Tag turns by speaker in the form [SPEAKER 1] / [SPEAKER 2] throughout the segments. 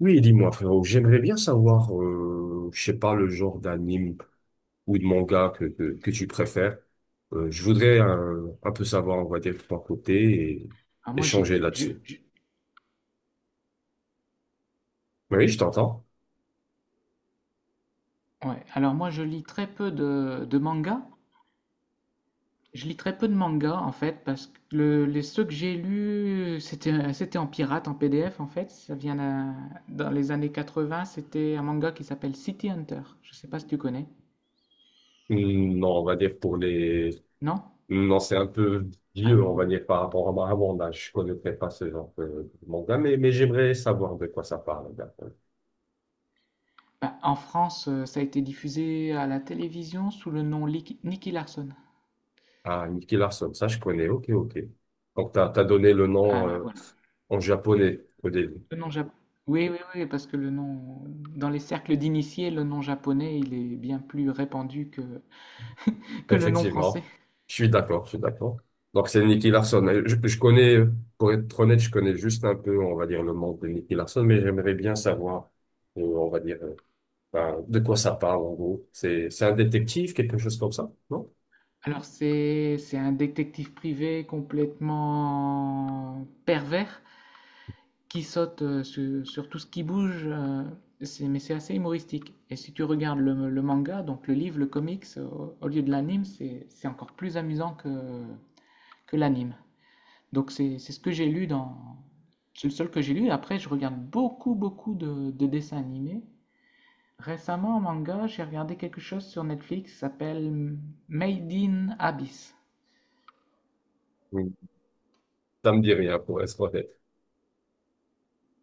[SPEAKER 1] Oui, dis-moi, frérot, j'aimerais bien savoir, je sais pas, le genre d'anime ou de manga que tu préfères. Je voudrais un peu savoir, on va dire, de ton côté et
[SPEAKER 2] Alors moi
[SPEAKER 1] échanger
[SPEAKER 2] j'ai,
[SPEAKER 1] là-dessus.
[SPEAKER 2] je-
[SPEAKER 1] Oui, je t'entends.
[SPEAKER 2] ouais. Alors moi je lis très peu de mangas. Je lis très peu de mangas en fait parce que les ceux que j'ai lus c'était en pirate, en PDF en fait. Ça vient dans les années 80. C'était un manga qui s'appelle City Hunter. Je sais pas si tu connais.
[SPEAKER 1] Non, on va dire pour les...
[SPEAKER 2] Non?
[SPEAKER 1] Non, c'est un peu vieux, on va
[SPEAKER 2] Allô?
[SPEAKER 1] dire, par rapport à mon âge. Je connaîtrais pas ce genre de manga, mais j'aimerais savoir de quoi ça parle. D'accord.
[SPEAKER 2] Bah, en France, ça a été diffusé à la télévision sous le nom Nicky Larson.
[SPEAKER 1] Ah, Nicky Larson, ça je connais, ok, ok. Donc, t'as donné le
[SPEAKER 2] Ah
[SPEAKER 1] nom
[SPEAKER 2] bah voilà.
[SPEAKER 1] en japonais au début.
[SPEAKER 2] Le nom japonais. Oui, oui, oui, parce que le nom, dans les cercles d'initiés, le nom japonais, il est bien plus répandu que le nom français.
[SPEAKER 1] Effectivement, je suis d'accord, je suis d'accord. Donc c'est Nicky Larson. Je connais, pour être honnête, je connais juste un peu, on va dire, le monde de Nicky Larson, mais j'aimerais bien savoir, on va dire, ben, de quoi ça parle en gros. C'est un détective, quelque chose comme ça, non?
[SPEAKER 2] Alors c'est un détective privé complètement pervers qui saute sur, sur tout ce qui bouge, mais c'est assez humoristique. Et si tu regardes le manga, donc le livre, le comics, au, au lieu de l'anime, c'est encore plus amusant que l'anime. Donc c'est ce que j'ai lu dans... C'est le seul que j'ai lu. Après, je regarde beaucoup, beaucoup de dessins animés. Récemment, en manga, j'ai regardé quelque chose sur Netflix qui s'appelle Made in Abyss.
[SPEAKER 1] Mm. Ça me dit rien, pour être honnête.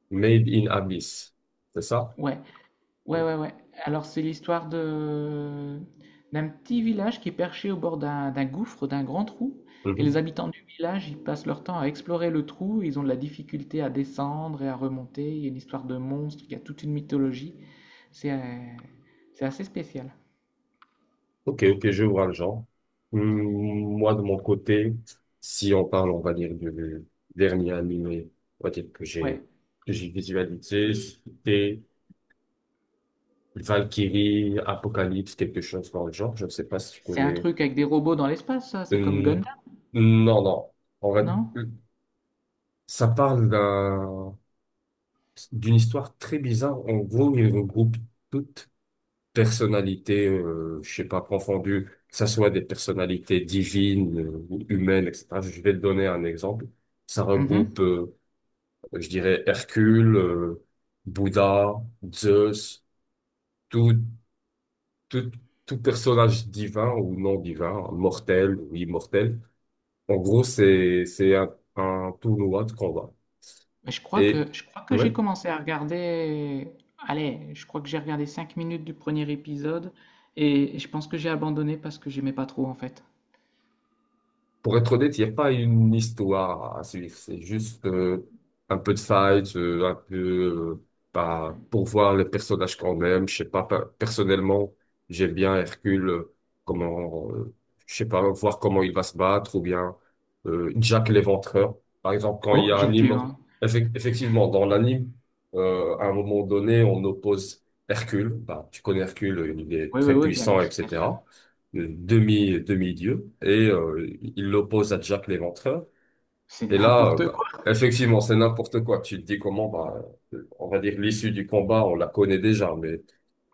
[SPEAKER 1] Made in Abyss, c'est ça?
[SPEAKER 2] Ouais, ouais, ouais, ouais. Alors c'est l'histoire de d'un petit village qui est perché au bord d'un gouffre, d'un grand trou, et les
[SPEAKER 1] Mhm.
[SPEAKER 2] habitants du village, ils passent leur temps à explorer le trou, ils ont de la difficulté à descendre et à remonter, il y a une histoire de monstre, il y a toute une mythologie, c'est euh, c'est assez spécial.
[SPEAKER 1] Ok, ok, je vois le genre. Hum, Moi, de mon côté, si on parle, on va dire, du dernier animé, on va dire que
[SPEAKER 2] Ouais,
[SPEAKER 1] que j'ai visualisé, c'était Valkyrie, Apocalypse, quelque chose dans le genre. Je ne sais pas si tu
[SPEAKER 2] c'est un
[SPEAKER 1] connais.
[SPEAKER 2] truc avec des robots dans l'espace, ça, c'est comme Gundam,
[SPEAKER 1] Hum, non. En vrai,
[SPEAKER 2] non?
[SPEAKER 1] ça parle d'une histoire très bizarre. En gros, il regroupe toutes personnalités, je sais pas, confondues, que ça soit des personnalités divines ou humaines, etc. Je vais te donner un exemple. Ça
[SPEAKER 2] Mhm.
[SPEAKER 1] regroupe, je dirais, Hercule, Bouddha, Zeus, tout, tout, tout personnage divin ou non divin, mortel ou immortel. En gros, c'est un tournoi de combat.
[SPEAKER 2] Mais je crois que
[SPEAKER 1] Et,
[SPEAKER 2] je crois que
[SPEAKER 1] ouais.
[SPEAKER 2] j'ai commencé à regarder. Allez, je crois que j'ai regardé 5 minutes du premier épisode et je pense que j'ai abandonné parce que j'aimais pas trop en fait.
[SPEAKER 1] Pour être honnête, il n'y a pas une histoire à suivre. C'est juste un peu de fight, un peu euh, bah,
[SPEAKER 2] Ouais.
[SPEAKER 1] pour voir les personnages quand même. Je sais pas, personnellement, j'aime bien Hercule, comment, je sais pas, voir comment il va se battre, ou bien Jack l'Éventreur. Par exemple, quand il y
[SPEAKER 2] Oh,
[SPEAKER 1] a un
[SPEAKER 2] Jack
[SPEAKER 1] immort...
[SPEAKER 2] Levin.
[SPEAKER 1] Effectivement, dans l'anime, à un moment donné, on oppose Hercule. Bah, tu connais Hercule, il est
[SPEAKER 2] Oui, oui,
[SPEAKER 1] très
[SPEAKER 2] oui, bien, bien
[SPEAKER 1] puissant, etc.
[SPEAKER 2] sûr.
[SPEAKER 1] Demi-dieu, et il l'oppose à Jack l'Éventreur.
[SPEAKER 2] C'est
[SPEAKER 1] Et là,
[SPEAKER 2] n'importe
[SPEAKER 1] bah,
[SPEAKER 2] quoi.
[SPEAKER 1] effectivement, c'est n'importe quoi. Tu te dis comment, bah, on va dire l'issue du combat, on la connaît déjà,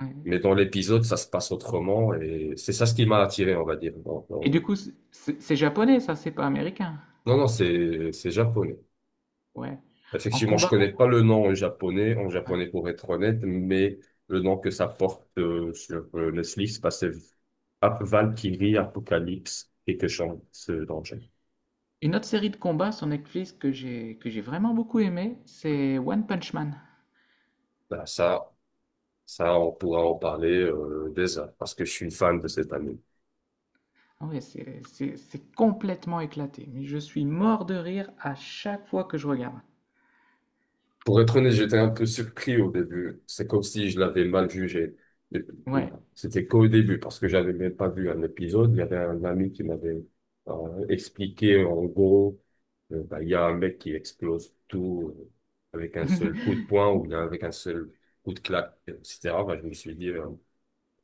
[SPEAKER 2] Ouais.
[SPEAKER 1] mais dans l'épisode, ça se passe autrement, et c'est ça ce qui m'a attiré, on va dire.
[SPEAKER 2] Et
[SPEAKER 1] Non,
[SPEAKER 2] du coup, c'est japonais, ça, c'est pas américain.
[SPEAKER 1] non, non, c'est japonais.
[SPEAKER 2] Ouais. En
[SPEAKER 1] Effectivement, je
[SPEAKER 2] combat,
[SPEAKER 1] connais pas
[SPEAKER 2] combat.
[SPEAKER 1] le nom en
[SPEAKER 2] Ouais.
[SPEAKER 1] japonais pour être honnête, mais le nom que ça porte sur Netflix, bah, c'est Valkyrie Apocalypse, quelque chose dans le genre.
[SPEAKER 2] Une autre série de combats sur Netflix que j'ai vraiment beaucoup aimé, c'est One Punch Man.
[SPEAKER 1] Bah, ça, Ça, on pourra en parler des heures parce que je suis fan de cette anime.
[SPEAKER 2] Ouais, c'est complètement éclaté. Mais je suis mort de rire à chaque fois que je regarde.
[SPEAKER 1] Pour être honnête, j'étais un peu surpris au début. C'est comme si je l'avais mal jugé.
[SPEAKER 2] Ouais.
[SPEAKER 1] C'était qu'au début parce que j'avais même pas vu un épisode. Il y avait un ami qui m'avait expliqué en gros, bah, il y a un mec qui explose tout avec un seul coup de poing ou bien avec un seul coup de claque, etc. Bah, je me suis dit,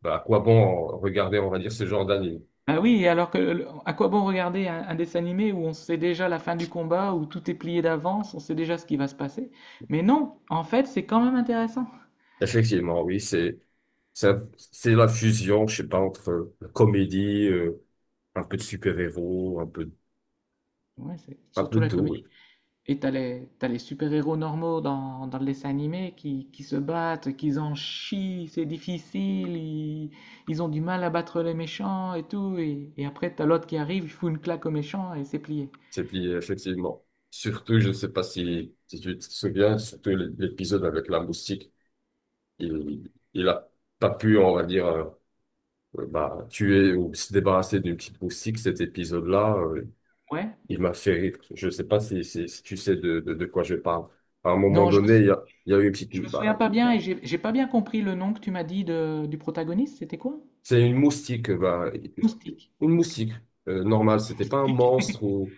[SPEAKER 1] bah, à quoi bon regarder, on va dire, ce genre d'anime?
[SPEAKER 2] Bah oui, et alors que, à quoi bon regarder un dessin animé où on sait déjà la fin du combat, où tout est plié d'avance, on sait déjà ce qui va se passer. Mais non, en fait, c'est quand même intéressant.
[SPEAKER 1] Effectivement, oui, c'est la fusion, je sais pas, entre la comédie, un peu de super-héros,
[SPEAKER 2] Ouais, c'est
[SPEAKER 1] un
[SPEAKER 2] surtout
[SPEAKER 1] peu de
[SPEAKER 2] la
[SPEAKER 1] tout, oui.
[SPEAKER 2] comédie. Et t'as les super-héros normaux dans, dans le dessin animé qui se battent, qui en chient, c'est difficile, ils ont du mal à battre les méchants et tout. Et après, t'as l'autre qui arrive, il fout une claque aux méchants et c'est plié.
[SPEAKER 1] Et puis effectivement, surtout, je sais pas si tu te souviens, surtout l'épisode avec la moustique, il a pas pu, on va dire, bah tuer ou se débarrasser d'une petite moustique. Cet épisode-là,
[SPEAKER 2] Ouais.
[SPEAKER 1] il m'a fait rire. Je sais pas si tu sais de quoi je parle. À un moment
[SPEAKER 2] Non, je me,
[SPEAKER 1] donné,
[SPEAKER 2] sou-
[SPEAKER 1] il y a eu une petite,
[SPEAKER 2] Je me
[SPEAKER 1] bah,
[SPEAKER 2] souviens pas bien et j'ai pas bien compris le nom que tu m'as dit de, du protagoniste, c'était quoi?
[SPEAKER 1] C'est une moustique, bah,
[SPEAKER 2] Moustique.
[SPEAKER 1] une
[SPEAKER 2] Ok.
[SPEAKER 1] moustique, normale. C'était pas un
[SPEAKER 2] Moustique.
[SPEAKER 1] monstre ou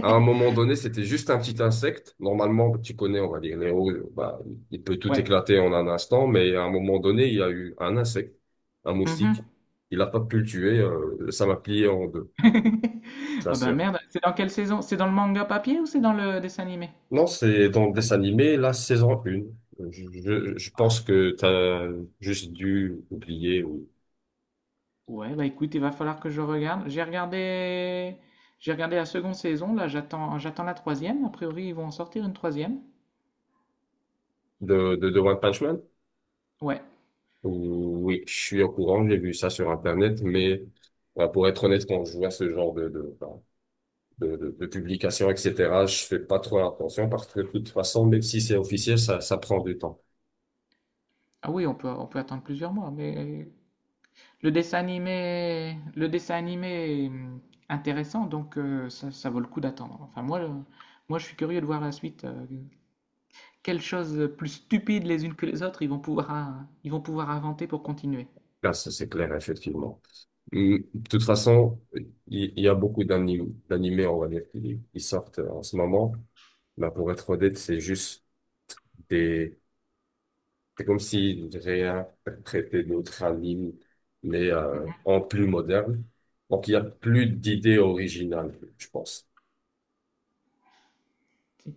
[SPEAKER 1] à un moment donné, c'était juste un petit insecte. Normalement, tu connais, on va dire, les roues, bah, il peut tout
[SPEAKER 2] Ouais.
[SPEAKER 1] éclater en un instant, mais à un moment donné, il y a eu un insecte, un moustique.
[SPEAKER 2] Mhm.
[SPEAKER 1] Il a pas pu le tuer, ça m'a plié en deux, la
[SPEAKER 2] Ah ben
[SPEAKER 1] sœur.
[SPEAKER 2] merde, c'est dans quelle saison? C'est dans le manga papier ou c'est dans le dessin animé?
[SPEAKER 1] Non, c'est dans le dessin animé, la saison 1. Je pense que t'as juste dû oublier ou
[SPEAKER 2] Ouais, bah écoute, il va falloir que je regarde. J'ai regardé la seconde saison, là j'attends, j'attends la troisième. A priori, ils vont en sortir une troisième.
[SPEAKER 1] de One Punch Man.
[SPEAKER 2] Ouais.
[SPEAKER 1] Oui, je suis au courant, j'ai vu ça sur Internet, mais bah, pour être honnête, quand je vois ce genre bah, de publication, etc., je fais pas trop attention parce que de toute façon, même si c'est officiel, ça prend du temps.
[SPEAKER 2] Ah oui, on peut attendre plusieurs mois, mais le dessin animé est intéressant, donc ça, ça vaut le coup d'attendre. Enfin, moi, je suis curieux de voir la suite. Quelles choses plus stupides les unes que les autres ils vont pouvoir inventer pour continuer.
[SPEAKER 1] Là, ça, c'est clair, effectivement. De toute façon, il y a beaucoup d'animés, on va dire, qui sortent en ce moment. Bah, pour être honnête, c'est juste c'est comme s'il réinterprétait d'autres animes, mais en plus moderne. Donc, il y a plus d'idées originales, je pense.
[SPEAKER 2] Tu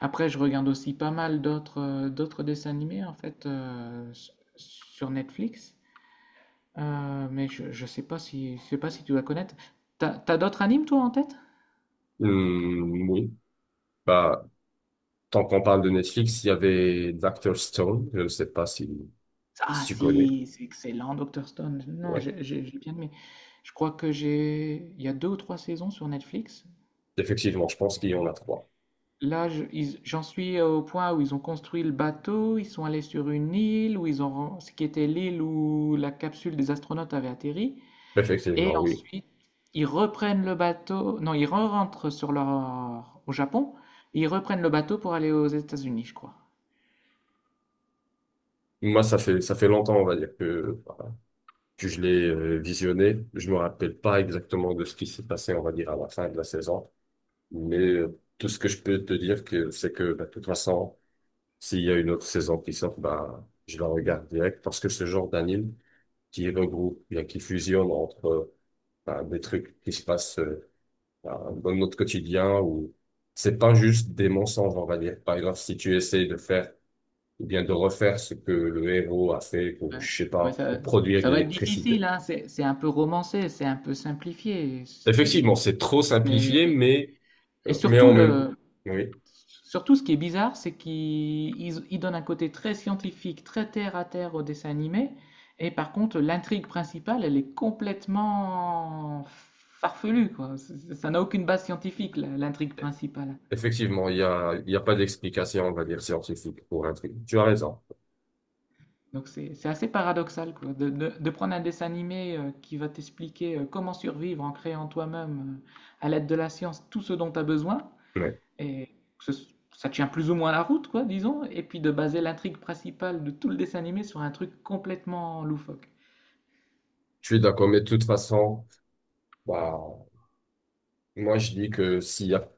[SPEAKER 2] Après, je regarde aussi pas mal d'autres d'autres dessins animés en fait sur Netflix. Mais je sais pas si, je sais pas si tu vas connaître. T'as, t'as d'autres animes toi en tête?
[SPEAKER 1] Oui. Bah, tant qu'on parle de Netflix, il y avait Dr. Stone. Je ne sais pas si,
[SPEAKER 2] Ah
[SPEAKER 1] si tu connais.
[SPEAKER 2] si, c'est excellent, Dr. Stone. Non,
[SPEAKER 1] Ouais.
[SPEAKER 2] j'ai bien aimé. Je crois que j'ai... Il y a deux ou trois saisons sur Netflix.
[SPEAKER 1] Effectivement, je pense qu'il y en a trois.
[SPEAKER 2] Là, j'en suis au point où ils ont construit le bateau, ils sont allés sur une île, où ils ont... ce qui était l'île où la capsule des astronautes avait atterri. Et
[SPEAKER 1] Effectivement, oui.
[SPEAKER 2] ensuite, ils reprennent le bateau. Non, ils rentrent sur leur... au Japon. Et ils reprennent le bateau pour aller aux États-Unis, je crois.
[SPEAKER 1] Moi, ça fait longtemps, on va dire, que, voilà, que je l'ai visionné. Je me rappelle pas exactement de ce qui s'est passé, on va dire, à la fin de la saison. Mais tout ce que je peux te dire, que, c'est que bah, de toute façon, s'il y a une autre saison qui sort, bah, je la
[SPEAKER 2] Hmm.
[SPEAKER 1] regarde direct parce que ce genre d'anime qui regroupe, bien, qui fusionne entre bah, des trucs qui se passent bah, dans notre quotidien ou c'est pas juste des mensonges, on va dire. Par exemple, si tu essayes de faire ou bien de refaire ce que le héros a fait pour,
[SPEAKER 2] Ouais.
[SPEAKER 1] je sais
[SPEAKER 2] Ouais,
[SPEAKER 1] pas, de
[SPEAKER 2] ça,
[SPEAKER 1] produire
[SPEAKER 2] ça
[SPEAKER 1] de
[SPEAKER 2] va être difficile,
[SPEAKER 1] l'électricité.
[SPEAKER 2] hein. C'est un peu romancé, c'est un peu simplifié.
[SPEAKER 1] Effectivement, c'est trop
[SPEAKER 2] Mais,
[SPEAKER 1] simplifié,
[SPEAKER 2] et
[SPEAKER 1] mais
[SPEAKER 2] surtout,
[SPEAKER 1] en même, oui.
[SPEAKER 2] surtout, ce qui est bizarre, c'est qu'ils ils- ils donnent un côté très scientifique, très terre à terre au dessin animé. Et par contre, l'intrigue principale, elle est complètement farfelue, quoi. Ça n'a aucune base scientifique, l'intrigue principale.
[SPEAKER 1] Effectivement, il y a pas d'explication, on va dire, scientifique pour un truc. Tu as raison.
[SPEAKER 2] Donc c'est assez paradoxal quoi, de prendre un dessin animé qui va t'expliquer comment survivre en créant toi-même à l'aide de la science tout ce dont tu as besoin
[SPEAKER 1] Mais
[SPEAKER 2] et que ce- ça tient plus ou moins la route quoi, disons, et puis de baser l'intrigue principale de tout le dessin animé sur un truc complètement loufoque.
[SPEAKER 1] je suis d'accord. Mais de toute façon, bah, moi, je dis que s'il y a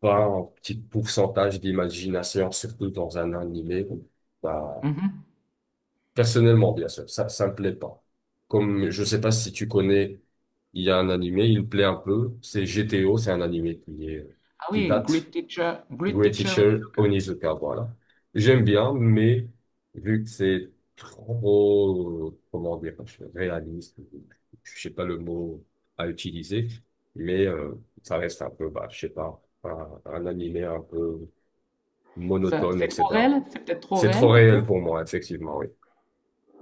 [SPEAKER 1] pas un petit pourcentage d'imagination, surtout dans un animé, bah,
[SPEAKER 2] Mhm.
[SPEAKER 1] personnellement, bien sûr, ça me plaît pas. Comme, je sais pas si tu connais, il y a un animé, il me plaît un peu. C'est GTO, c'est un animé qui est,
[SPEAKER 2] Ah
[SPEAKER 1] qui
[SPEAKER 2] oui,
[SPEAKER 1] date
[SPEAKER 2] Great
[SPEAKER 1] Great
[SPEAKER 2] Teacher
[SPEAKER 1] Teacher
[SPEAKER 2] Onizuka.
[SPEAKER 1] Onizuka, voilà. J'aime bien, mais vu que c'est trop, comment dire, réaliste, je sais pas le mot à utiliser, mais ça reste un peu, bah, je sais pas, un animé un peu
[SPEAKER 2] Ça,
[SPEAKER 1] monotone,
[SPEAKER 2] c'est trop
[SPEAKER 1] etc.
[SPEAKER 2] réel? C'est peut-être trop
[SPEAKER 1] C'est trop
[SPEAKER 2] réel pour toi?
[SPEAKER 1] réel pour moi, effectivement, oui.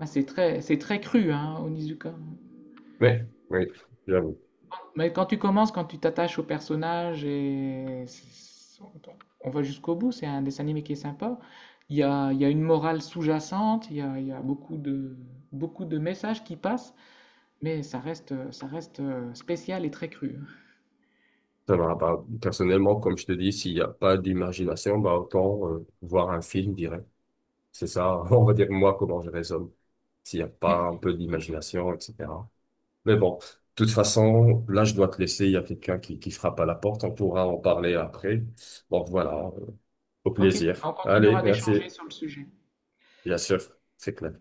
[SPEAKER 2] Ah, c'est très cru, hein, Onizuka.
[SPEAKER 1] Mais, oui, j'avoue.
[SPEAKER 2] Mais quand tu commences, quand tu t'attaches au personnage on va jusqu'au bout, c'est un dessin animé qui est sympa. Il y a une morale sous-jacente, il y a beaucoup de messages qui passent, mais ça reste spécial et très cru.
[SPEAKER 1] Ça va pas. Personnellement, comme je te dis, s'il n'y a pas d'imagination, bah, autant voir un film direct. C'est ça, on va dire moi comment je raisonne, s'il n'y a pas un peu
[SPEAKER 2] Ok,
[SPEAKER 1] d'imagination, etc. Mais bon, de toute façon, là je dois te laisser, il y a quelqu'un qui frappe à la porte, on pourra en parler après. Donc voilà, euh, au
[SPEAKER 2] ok,
[SPEAKER 1] plaisir.
[SPEAKER 2] on
[SPEAKER 1] Allez,
[SPEAKER 2] continuera
[SPEAKER 1] merci.
[SPEAKER 2] d'échanger sur le sujet.
[SPEAKER 1] Bien sûr, c'est clair.